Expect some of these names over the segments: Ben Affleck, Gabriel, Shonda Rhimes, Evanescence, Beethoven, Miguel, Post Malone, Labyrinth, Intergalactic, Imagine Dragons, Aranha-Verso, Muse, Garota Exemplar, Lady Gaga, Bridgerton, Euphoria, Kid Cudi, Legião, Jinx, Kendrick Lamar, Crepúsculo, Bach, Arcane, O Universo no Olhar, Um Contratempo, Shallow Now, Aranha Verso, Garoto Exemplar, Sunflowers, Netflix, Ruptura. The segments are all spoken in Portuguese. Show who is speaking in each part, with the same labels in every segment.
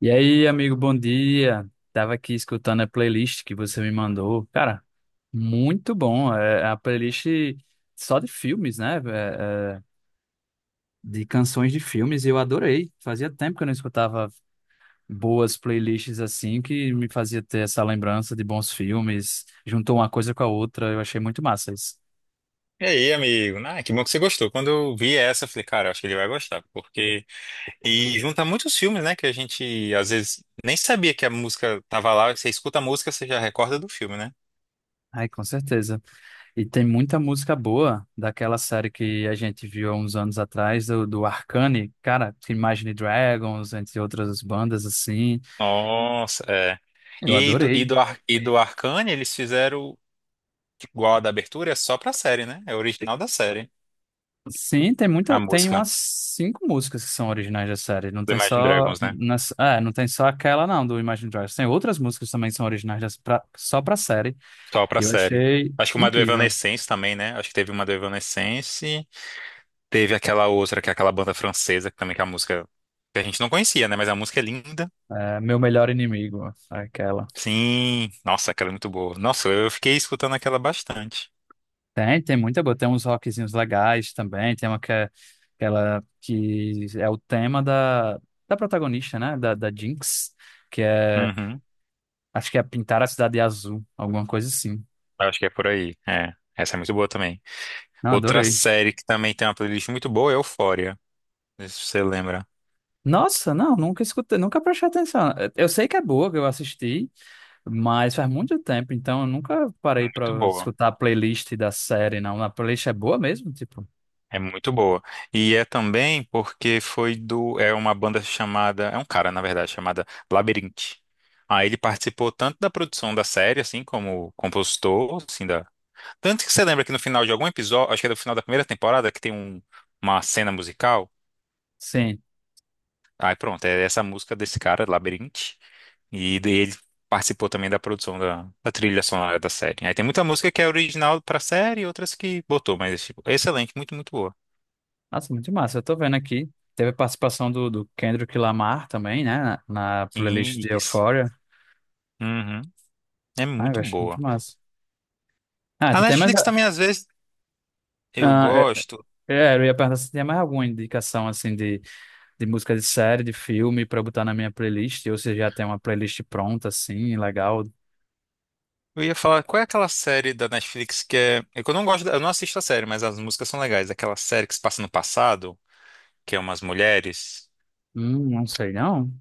Speaker 1: E aí, amigo, bom dia. Tava aqui escutando a playlist que você me mandou. Cara, muito bom. É a playlist só de filmes, né? De canções de filmes. Eu adorei. Fazia tempo que eu não escutava boas playlists assim, que me fazia ter essa lembrança de bons filmes. Juntou uma coisa com a outra. Eu achei muito massa isso.
Speaker 2: E aí, amigo? Ah, que bom que você gostou. Quando eu vi essa, eu falei, cara, eu acho que ele vai gostar, porque... E junta muitos filmes, né, que a gente, às vezes, nem sabia que a música tava lá. Você escuta a música, você já recorda do filme, né?
Speaker 1: Ai, com certeza. E tem muita música boa daquela série que a gente viu há uns anos atrás, do Arcane, cara, Imagine Dragons, entre outras bandas assim.
Speaker 2: Nossa, é.
Speaker 1: Eu
Speaker 2: E, aí do, e,
Speaker 1: adorei.
Speaker 2: do, Ar- e do Arcane, eles fizeram igual a da abertura, é só pra série, né? É original da série,
Speaker 1: Sim, tem
Speaker 2: a
Speaker 1: muita, tem
Speaker 2: música
Speaker 1: umas 5 músicas que são originais da série. Não
Speaker 2: do
Speaker 1: tem
Speaker 2: Imagine
Speaker 1: só,
Speaker 2: Dragons, né?
Speaker 1: não tem só aquela não do Imagine Dragons. Tem outras músicas também que são originais só pra série.
Speaker 2: Só
Speaker 1: E
Speaker 2: pra
Speaker 1: eu
Speaker 2: série.
Speaker 1: achei
Speaker 2: Acho que uma do
Speaker 1: incrível.
Speaker 2: Evanescence também, né? Acho que teve uma do Evanescence. Teve aquela outra, que é aquela banda francesa, que é a música que a gente não conhecia, né? Mas a música é linda.
Speaker 1: É, Meu Melhor Inimigo, aquela.
Speaker 2: Sim, nossa, aquela é muito boa. Nossa, eu fiquei escutando aquela bastante.
Speaker 1: Tem muita boa. Tem uns rockzinhos legais também. Tem uma que é aquela que é o tema da protagonista, né? Da Jinx, que é.
Speaker 2: Uhum.
Speaker 1: Acho que é pintar a cidade de azul, alguma coisa assim.
Speaker 2: Eu acho que é por aí. É, essa é muito boa também.
Speaker 1: Não,
Speaker 2: Outra
Speaker 1: adorei.
Speaker 2: série que também tem uma playlist muito boa é Euphoria. Não sei se você lembra.
Speaker 1: Nossa, não, nunca escutei, nunca prestei atenção. Eu sei que é boa, que eu assisti, mas faz muito tempo, então eu nunca parei
Speaker 2: Muito
Speaker 1: pra
Speaker 2: boa.
Speaker 1: escutar a playlist da série, não. A playlist é boa mesmo, tipo.
Speaker 2: É muito boa. E é também porque foi do. É uma banda chamada. É um cara, na verdade, chamada Labyrinth. Aí ele participou tanto da produção da série, assim, como compositor, assim, da tanto que você lembra que no final de algum episódio, acho que é no final da primeira temporada, que tem uma cena musical.
Speaker 1: Sim.
Speaker 2: Aí pronto, é essa música desse cara, Labirinte. E daí ele participou também da produção da trilha sonora da série. Aí tem muita música que é original pra série e outras que botou, mas tipo, é excelente, muito boa.
Speaker 1: Nossa, muito massa. Eu tô vendo aqui. Teve a participação do Kendrick Lamar também, né? Na playlist de
Speaker 2: Isso.
Speaker 1: Euphoria.
Speaker 2: Uhum. É
Speaker 1: Ai, eu
Speaker 2: muito
Speaker 1: acho
Speaker 2: boa.
Speaker 1: muito massa. Ah,
Speaker 2: A
Speaker 1: tu tem mais.
Speaker 2: Netflix também, às vezes, eu
Speaker 1: Ah,
Speaker 2: gosto.
Speaker 1: é, é, eu ia perguntar se tem mais alguma indicação, assim, de música de série, de filme, pra eu botar na minha playlist. Ou se já tem uma playlist pronta, assim, legal.
Speaker 2: Eu ia falar, qual é aquela série da Netflix que é. É que eu não gosto, eu não assisto a série, mas as músicas são legais. Aquela série que se passa no passado, que é umas mulheres.
Speaker 1: Não sei, não.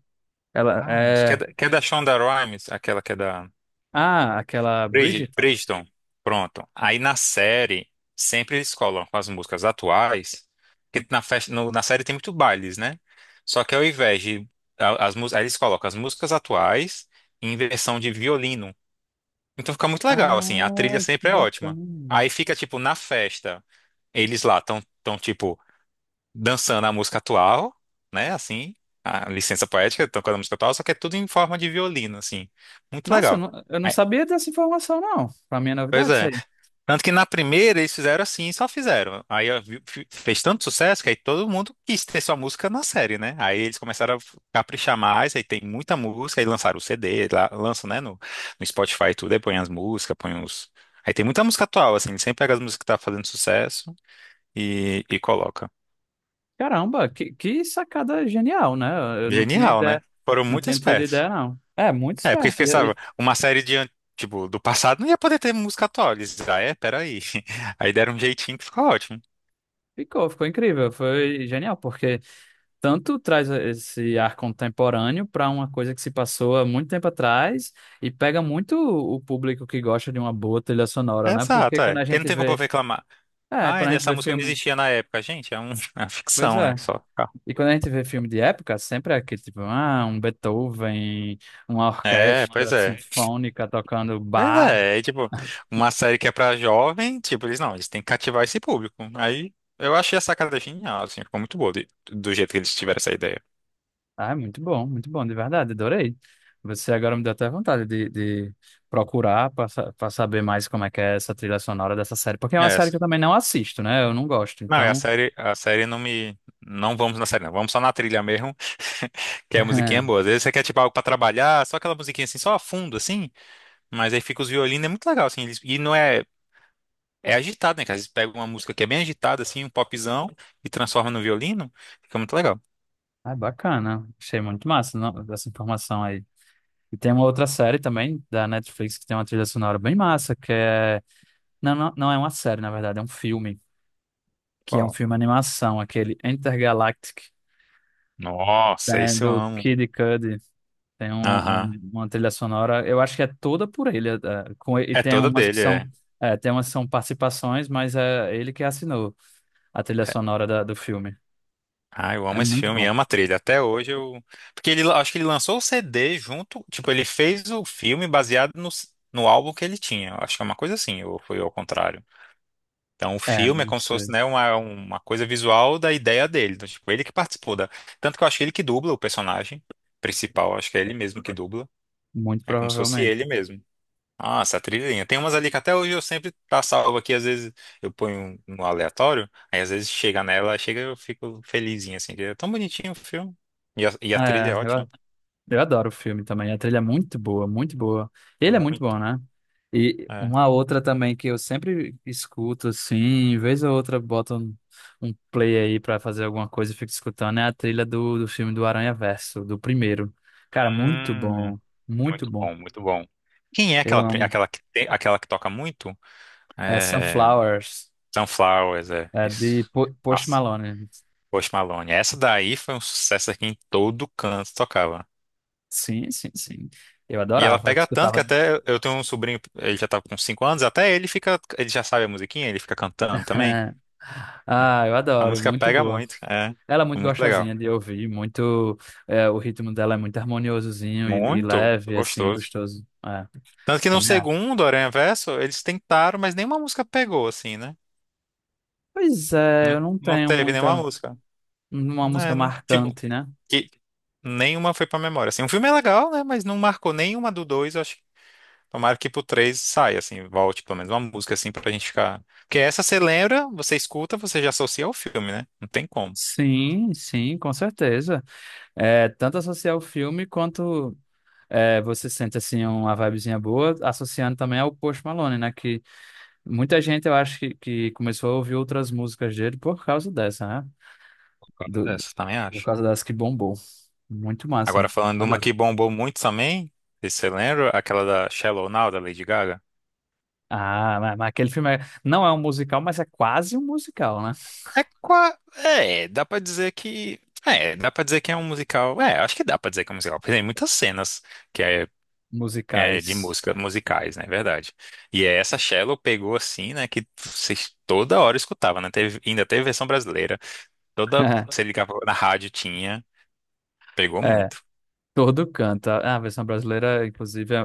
Speaker 1: Ela
Speaker 2: Ai, meu Deus, que é
Speaker 1: é.
Speaker 2: da, que é da Shonda Rhimes, aquela que é da
Speaker 1: Ah, aquela
Speaker 2: Brid-
Speaker 1: Bridgerton.
Speaker 2: Bridgerton. Pronto. Aí na série, sempre eles colocam as músicas atuais, que na, festa, no- na série tem muito bailes, né? Só que ao invés de. A- As, mús- aí eles colocam as músicas atuais em versão de violino. Então fica muito legal, assim, a
Speaker 1: Ah,
Speaker 2: trilha
Speaker 1: que
Speaker 2: sempre é ótima.
Speaker 1: bacana.
Speaker 2: Aí fica, tipo, na festa, eles lá estão, tão, tão, tipo. Dançando a música atual, né? Assim, a licença poética, tocando a música atual, só que é tudo em forma de violino, assim. Muito
Speaker 1: Nossa,
Speaker 2: legal.
Speaker 1: eu não
Speaker 2: Aí-
Speaker 1: sabia dessa informação, não. Pra mim é
Speaker 2: Pois
Speaker 1: novidade isso
Speaker 2: é.
Speaker 1: aí.
Speaker 2: Tanto que na primeira eles fizeram assim, e só fizeram. Aí ó, vi- fi- Fez tanto sucesso que aí todo mundo quis ter sua música na série, né? Aí eles começaram a caprichar mais, aí tem muita música, aí lançaram o CD, lá, lançam, né, no, no Spotify e tudo, aí põe as músicas, põe os. Aí tem muita música atual, assim, sempre pega as músicas que tá fazendo sucesso e coloca.
Speaker 1: Caramba, que sacada genial, né? Eu não tinha
Speaker 2: Genial, né?
Speaker 1: ideia,
Speaker 2: Foram
Speaker 1: não
Speaker 2: muito
Speaker 1: tinha tido
Speaker 2: espertos.
Speaker 1: ideia, não. É, muito
Speaker 2: É, porque
Speaker 1: esperto.
Speaker 2: pensava, uma série do passado não ia poder ter música atual. Eles, ah, é, peraí. Aí deram um jeitinho que ficou ótimo.
Speaker 1: Ficou, ficou incrível, foi genial, porque tanto traz esse ar contemporâneo para uma coisa que se passou há muito tempo atrás e pega muito o público que gosta de uma boa trilha sonora, né? Porque
Speaker 2: Exato,
Speaker 1: quando
Speaker 2: é.
Speaker 1: a
Speaker 2: Porque não
Speaker 1: gente
Speaker 2: tem como eu
Speaker 1: vê,
Speaker 2: reclamar.
Speaker 1: é,
Speaker 2: Ah,
Speaker 1: quando a gente
Speaker 2: essa
Speaker 1: vê
Speaker 2: música não
Speaker 1: filme,
Speaker 2: existia na época. Gente, é uma
Speaker 1: pois
Speaker 2: ficção, né?
Speaker 1: é.
Speaker 2: Só.
Speaker 1: E quando a gente vê filme de época, sempre é aquele tipo, ah, um Beethoven, uma
Speaker 2: É,
Speaker 1: orquestra
Speaker 2: pois é.
Speaker 1: sinfônica tocando
Speaker 2: Pois
Speaker 1: Bach.
Speaker 2: é, é tipo, uma série que é pra jovem, tipo, eles não, eles têm que cativar esse público. Aí eu achei a sacada genial, assim, ficou muito boa do jeito que eles tiveram essa ideia.
Speaker 1: Ah, muito bom, de verdade, adorei. Você agora me deu até vontade de procurar para saber mais como é que é essa trilha sonora dessa série, porque é
Speaker 2: É
Speaker 1: uma série
Speaker 2: essa.
Speaker 1: que eu também não assisto, né? Eu não gosto,
Speaker 2: Não, e
Speaker 1: então
Speaker 2: a série não me. Não vamos na série, não. Vamos só na trilha mesmo. Que a musiquinha é boa. Às vezes você quer, tipo, algo pra trabalhar, só aquela musiquinha assim, só a fundo, assim. Mas aí fica os violinos, é muito legal, assim. Eles- e não é. É agitado, né? Que às vezes pega uma música que é bem agitada, assim, um popzão, e transforma no violino. Fica muito legal.
Speaker 1: ah, bacana. Achei muito massa não, essa informação aí. E tem uma outra série também da Netflix que tem uma trilha sonora bem massa, que é... Não, não, não é uma série, na verdade, é um filme, que é um
Speaker 2: Qual?
Speaker 1: filme animação, aquele Intergalactic,
Speaker 2: Nossa,
Speaker 1: né,
Speaker 2: esse eu
Speaker 1: do
Speaker 2: amo.
Speaker 1: Kid Cudi. Tem um,
Speaker 2: Aham.
Speaker 1: uma trilha sonora, eu acho que é toda por ele, é, com, e
Speaker 2: É
Speaker 1: tem
Speaker 2: toda
Speaker 1: umas que
Speaker 2: dele,
Speaker 1: são,
Speaker 2: é.
Speaker 1: é, tem umas que são participações, mas é ele que assinou a trilha sonora do filme.
Speaker 2: Ah, eu
Speaker 1: É
Speaker 2: amo esse
Speaker 1: muito
Speaker 2: filme,
Speaker 1: bom.
Speaker 2: amo a trilha. Até hoje eu. Porque ele, acho que ele lançou o CD junto. Tipo, ele fez o filme baseado no álbum que ele tinha. Eu acho que é uma coisa assim, ou foi ao contrário. Então, o
Speaker 1: É,
Speaker 2: filme é
Speaker 1: não
Speaker 2: como se fosse,
Speaker 1: sei,
Speaker 2: né, uma coisa visual da ideia dele. Então, tipo, ele que participou da... Tanto que eu acho que ele que dubla o personagem principal. Acho que é ele mesmo que dubla.
Speaker 1: muito
Speaker 2: É como se fosse
Speaker 1: provavelmente.
Speaker 2: ele mesmo. Ah, essa trilhinha. Tem umas ali que até hoje eu sempre tá salvo aqui. Às vezes eu ponho no aleatório. Aí, às vezes, chega nela, chega eu fico felizinho, assim. Que é tão bonitinho o filme. E a trilha
Speaker 1: É,
Speaker 2: é ótima.
Speaker 1: eu, Eu adoro o filme também. A trilha é muito boa, muito boa. Ele é muito bom,
Speaker 2: Muito.
Speaker 1: né? E
Speaker 2: É.
Speaker 1: uma outra também que eu sempre escuto, assim, vez ou outra boto um play aí pra fazer alguma coisa e fico escutando, é a trilha do filme do Aranha-Verso, do primeiro. Cara, muito
Speaker 2: Hum,
Speaker 1: bom, muito
Speaker 2: muito
Speaker 1: bom.
Speaker 2: bom, muito bom. Quem é
Speaker 1: Eu
Speaker 2: aquela, pri-
Speaker 1: amo.
Speaker 2: aquela, que, tem- aquela que toca muito?
Speaker 1: É
Speaker 2: É,
Speaker 1: Sunflowers,
Speaker 2: Sunflowers, é,
Speaker 1: é de
Speaker 2: isso.
Speaker 1: Post
Speaker 2: Nossa,
Speaker 1: Malone.
Speaker 2: Post Malone. Essa daí foi um sucesso aqui em todo canto, tocava.
Speaker 1: Sim, sim, sim. Eu
Speaker 2: E ela
Speaker 1: adorava, eu
Speaker 2: pega tanto que
Speaker 1: escutava.
Speaker 2: até eu tenho um sobrinho, ele já tá com 5 anos, até ele fica, ele já sabe a musiquinha, ele fica cantando também. É.
Speaker 1: Ah, eu
Speaker 2: A
Speaker 1: adoro,
Speaker 2: música
Speaker 1: muito
Speaker 2: pega
Speaker 1: boa.
Speaker 2: muito, é,
Speaker 1: Ela é
Speaker 2: é
Speaker 1: muito
Speaker 2: muito legal.
Speaker 1: gostosinha de ouvir, muito, é, o ritmo dela é muito harmoniosozinho e
Speaker 2: Muito
Speaker 1: leve, assim,
Speaker 2: gostoso.
Speaker 1: gostoso. É,
Speaker 2: Tanto que no
Speaker 1: também acho.
Speaker 2: segundo Aranha Verso, eles tentaram, mas nenhuma música pegou, assim, né?
Speaker 1: Pois é,
Speaker 2: Não,
Speaker 1: eu não
Speaker 2: não
Speaker 1: tenho
Speaker 2: teve nenhuma
Speaker 1: muita,
Speaker 2: música.
Speaker 1: uma música
Speaker 2: Né? Tipo,
Speaker 1: marcante, né?
Speaker 2: que nenhuma foi pra memória. Assim, o filme é legal, né? Mas não marcou nenhuma do dois, acho tomara que pro 3 saia, assim, volte pelo menos uma música assim pra gente ficar. Porque essa você lembra, você escuta, você já associa ao filme, né? Não tem como.
Speaker 1: Sim, sim, com certeza. É, tanto associar o filme quanto é, você sente assim uma vibezinha boa, associando também ao Post Malone, né? Que muita gente eu acho que começou a ouvir outras músicas dele por causa dessa, né?
Speaker 2: Concordo
Speaker 1: Do,
Speaker 2: dessa, também
Speaker 1: por
Speaker 2: acho.
Speaker 1: causa dessa que bombou. Muito massa.
Speaker 2: Agora falando de uma
Speaker 1: Adoro.
Speaker 2: que bombou muito também, não sei se você lembra, aquela da Shallow Now, da Lady Gaga?
Speaker 1: Ah, mas aquele filme não é um musical, mas é quase um musical, né?
Speaker 2: É, qua- é, dá pra dizer que. É, dá pra dizer que é um musical. É, acho que dá pra dizer que é um musical. Porque tem muitas cenas que é de
Speaker 1: Musicais.
Speaker 2: música, musicais, né? É verdade. E é essa Shallow pegou assim, né? Que vocês toda hora escutava, né? Teve, ainda teve versão brasileira. Toda, você ligava na rádio, tinha. Pegou
Speaker 1: É,
Speaker 2: muito.
Speaker 1: todo canta. A versão brasileira, inclusive, é,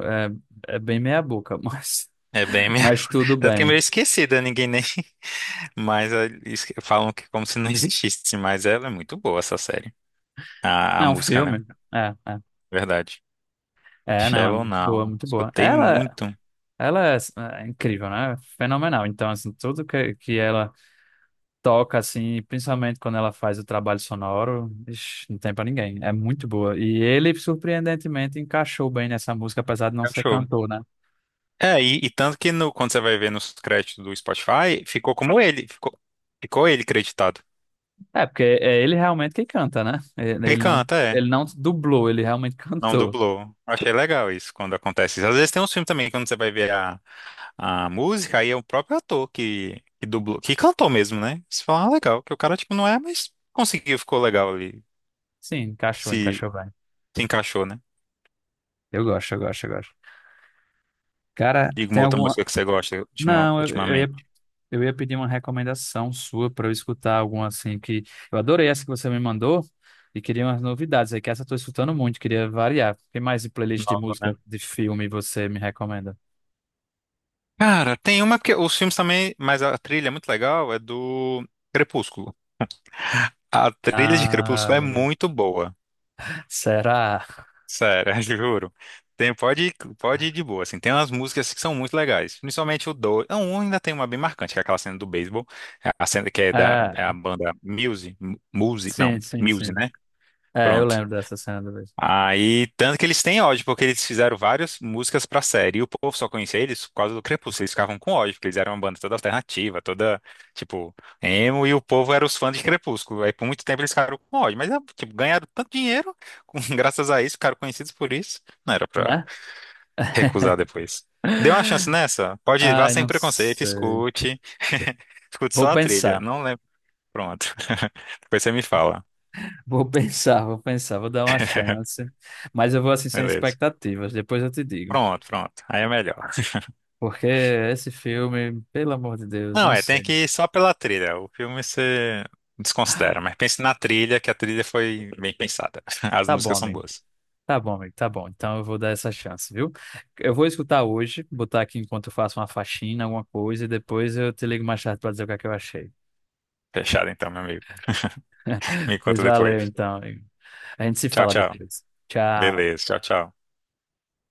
Speaker 1: é, é bem meia-boca, mas,
Speaker 2: É bem minha...
Speaker 1: mas tudo
Speaker 2: Tanto que é
Speaker 1: bem.
Speaker 2: meio esquecida, ninguém nem... Mas falam que como se não existisse, mas ela é muito boa, essa série. A
Speaker 1: É um
Speaker 2: música, né?
Speaker 1: filme. É, é.
Speaker 2: Verdade.
Speaker 1: É, não, é
Speaker 2: Shallow
Speaker 1: muito boa,
Speaker 2: Now.
Speaker 1: muito boa.
Speaker 2: Escutei
Speaker 1: Ela,
Speaker 2: muito.
Speaker 1: ela é, é, incrível, né? Fenomenal. Então, assim, tudo que ela toca, assim, principalmente quando ela faz o trabalho sonoro, ixi, não tem pra ninguém. É muito boa. E ele, surpreendentemente, encaixou bem nessa música, apesar de não ser
Speaker 2: Cachorro.
Speaker 1: cantor, né?
Speaker 2: E tanto que no, quando você vai ver nos créditos do Spotify, ficou como ele. Ficou ele creditado.
Speaker 1: É, porque é ele realmente que canta, né? Ele
Speaker 2: Ele
Speaker 1: ele não,
Speaker 2: canta, é.
Speaker 1: ele não dublou, ele realmente
Speaker 2: Não
Speaker 1: cantou.
Speaker 2: dublou. Achei legal isso, quando acontece isso. Às vezes tem uns filmes também, quando você vai ver a música, aí é o próprio ator que dublou, que cantou mesmo, né? Você fala, ah, legal, que o cara, tipo, não é, mas conseguiu, ficou legal ali,
Speaker 1: Sim, encaixou,
Speaker 2: se,
Speaker 1: encaixou bem.
Speaker 2: se encaixou, né?
Speaker 1: Eu gosto, eu gosto, eu gosto. Cara,
Speaker 2: Diga uma
Speaker 1: tem
Speaker 2: outra
Speaker 1: alguma.
Speaker 2: música que você gosta
Speaker 1: Não,
Speaker 2: ultimamente.
Speaker 1: eu ia pedir uma recomendação sua pra eu escutar alguma assim que. Eu adorei essa que você me mandou e queria umas novidades aí, que essa eu tô escutando muito, queria variar. O que mais de playlist de
Speaker 2: Nova, né?
Speaker 1: música, de filme você me recomenda?
Speaker 2: Cara, tem uma porque os filmes também, mas a trilha é muito legal, é do Crepúsculo. A trilha de
Speaker 1: Ah,
Speaker 2: Crepúsculo é muito boa.
Speaker 1: será?
Speaker 2: Sério, juro. Tem, pode, Pode ir de boa, assim. Tem umas músicas que são muito legais. Principalmente o dois. Não, um ainda tem uma bem marcante, que é aquela cena do beisebol. A cena que é da é a
Speaker 1: É,
Speaker 2: banda Muse. Muse, não,
Speaker 1: sim, sim,
Speaker 2: Muse,
Speaker 1: sim.
Speaker 2: né?
Speaker 1: É, eu
Speaker 2: Pronto.
Speaker 1: lembro dessa cena do beijo,
Speaker 2: Aí, tanto que eles têm ódio, porque eles fizeram várias músicas pra série, e o povo só conhecia eles por causa do Crepúsculo, eles ficavam com ódio, porque eles eram uma banda toda alternativa, toda, tipo emo, e o povo era os fãs de Crepúsculo, aí por muito tempo eles ficaram com ódio, mas, ah, tipo, ganharam tanto dinheiro, graças a isso, ficaram conhecidos por isso, não era pra
Speaker 1: né?
Speaker 2: recusar depois. Dê uma chance nessa, pode ir, vá
Speaker 1: Ai,
Speaker 2: sem
Speaker 1: não
Speaker 2: preconceito,
Speaker 1: sei.
Speaker 2: escute, escute
Speaker 1: Vou
Speaker 2: só a trilha,
Speaker 1: pensar.
Speaker 2: não lembro, pronto, depois você me fala,
Speaker 1: Vou pensar, vou pensar, vou dar uma chance. Mas eu vou assim sem
Speaker 2: beleza.
Speaker 1: expectativas, depois eu te digo.
Speaker 2: Pronto, aí é melhor.
Speaker 1: Porque esse filme, pelo amor de Deus,
Speaker 2: Não,
Speaker 1: não
Speaker 2: é, tem
Speaker 1: sei.
Speaker 2: que ir só pela trilha. O filme você desconsidera, mas pense na trilha, que a trilha foi bem pensada. As
Speaker 1: Tá bom,
Speaker 2: músicas são
Speaker 1: amigo.
Speaker 2: boas.
Speaker 1: Tá bom, amigo. Tá bom. Então eu vou dar essa chance, viu? Eu vou escutar hoje, botar aqui enquanto eu faço uma faxina, alguma coisa, e depois eu te ligo mais tarde pra dizer o que é que eu achei.
Speaker 2: Fechado então, meu amigo. Me
Speaker 1: Pois
Speaker 2: conta
Speaker 1: valeu,
Speaker 2: depois.
Speaker 1: então, amigo. A gente se
Speaker 2: Tchau,
Speaker 1: fala
Speaker 2: tchau.
Speaker 1: depois. Tchau.
Speaker 2: Beleza, tchau.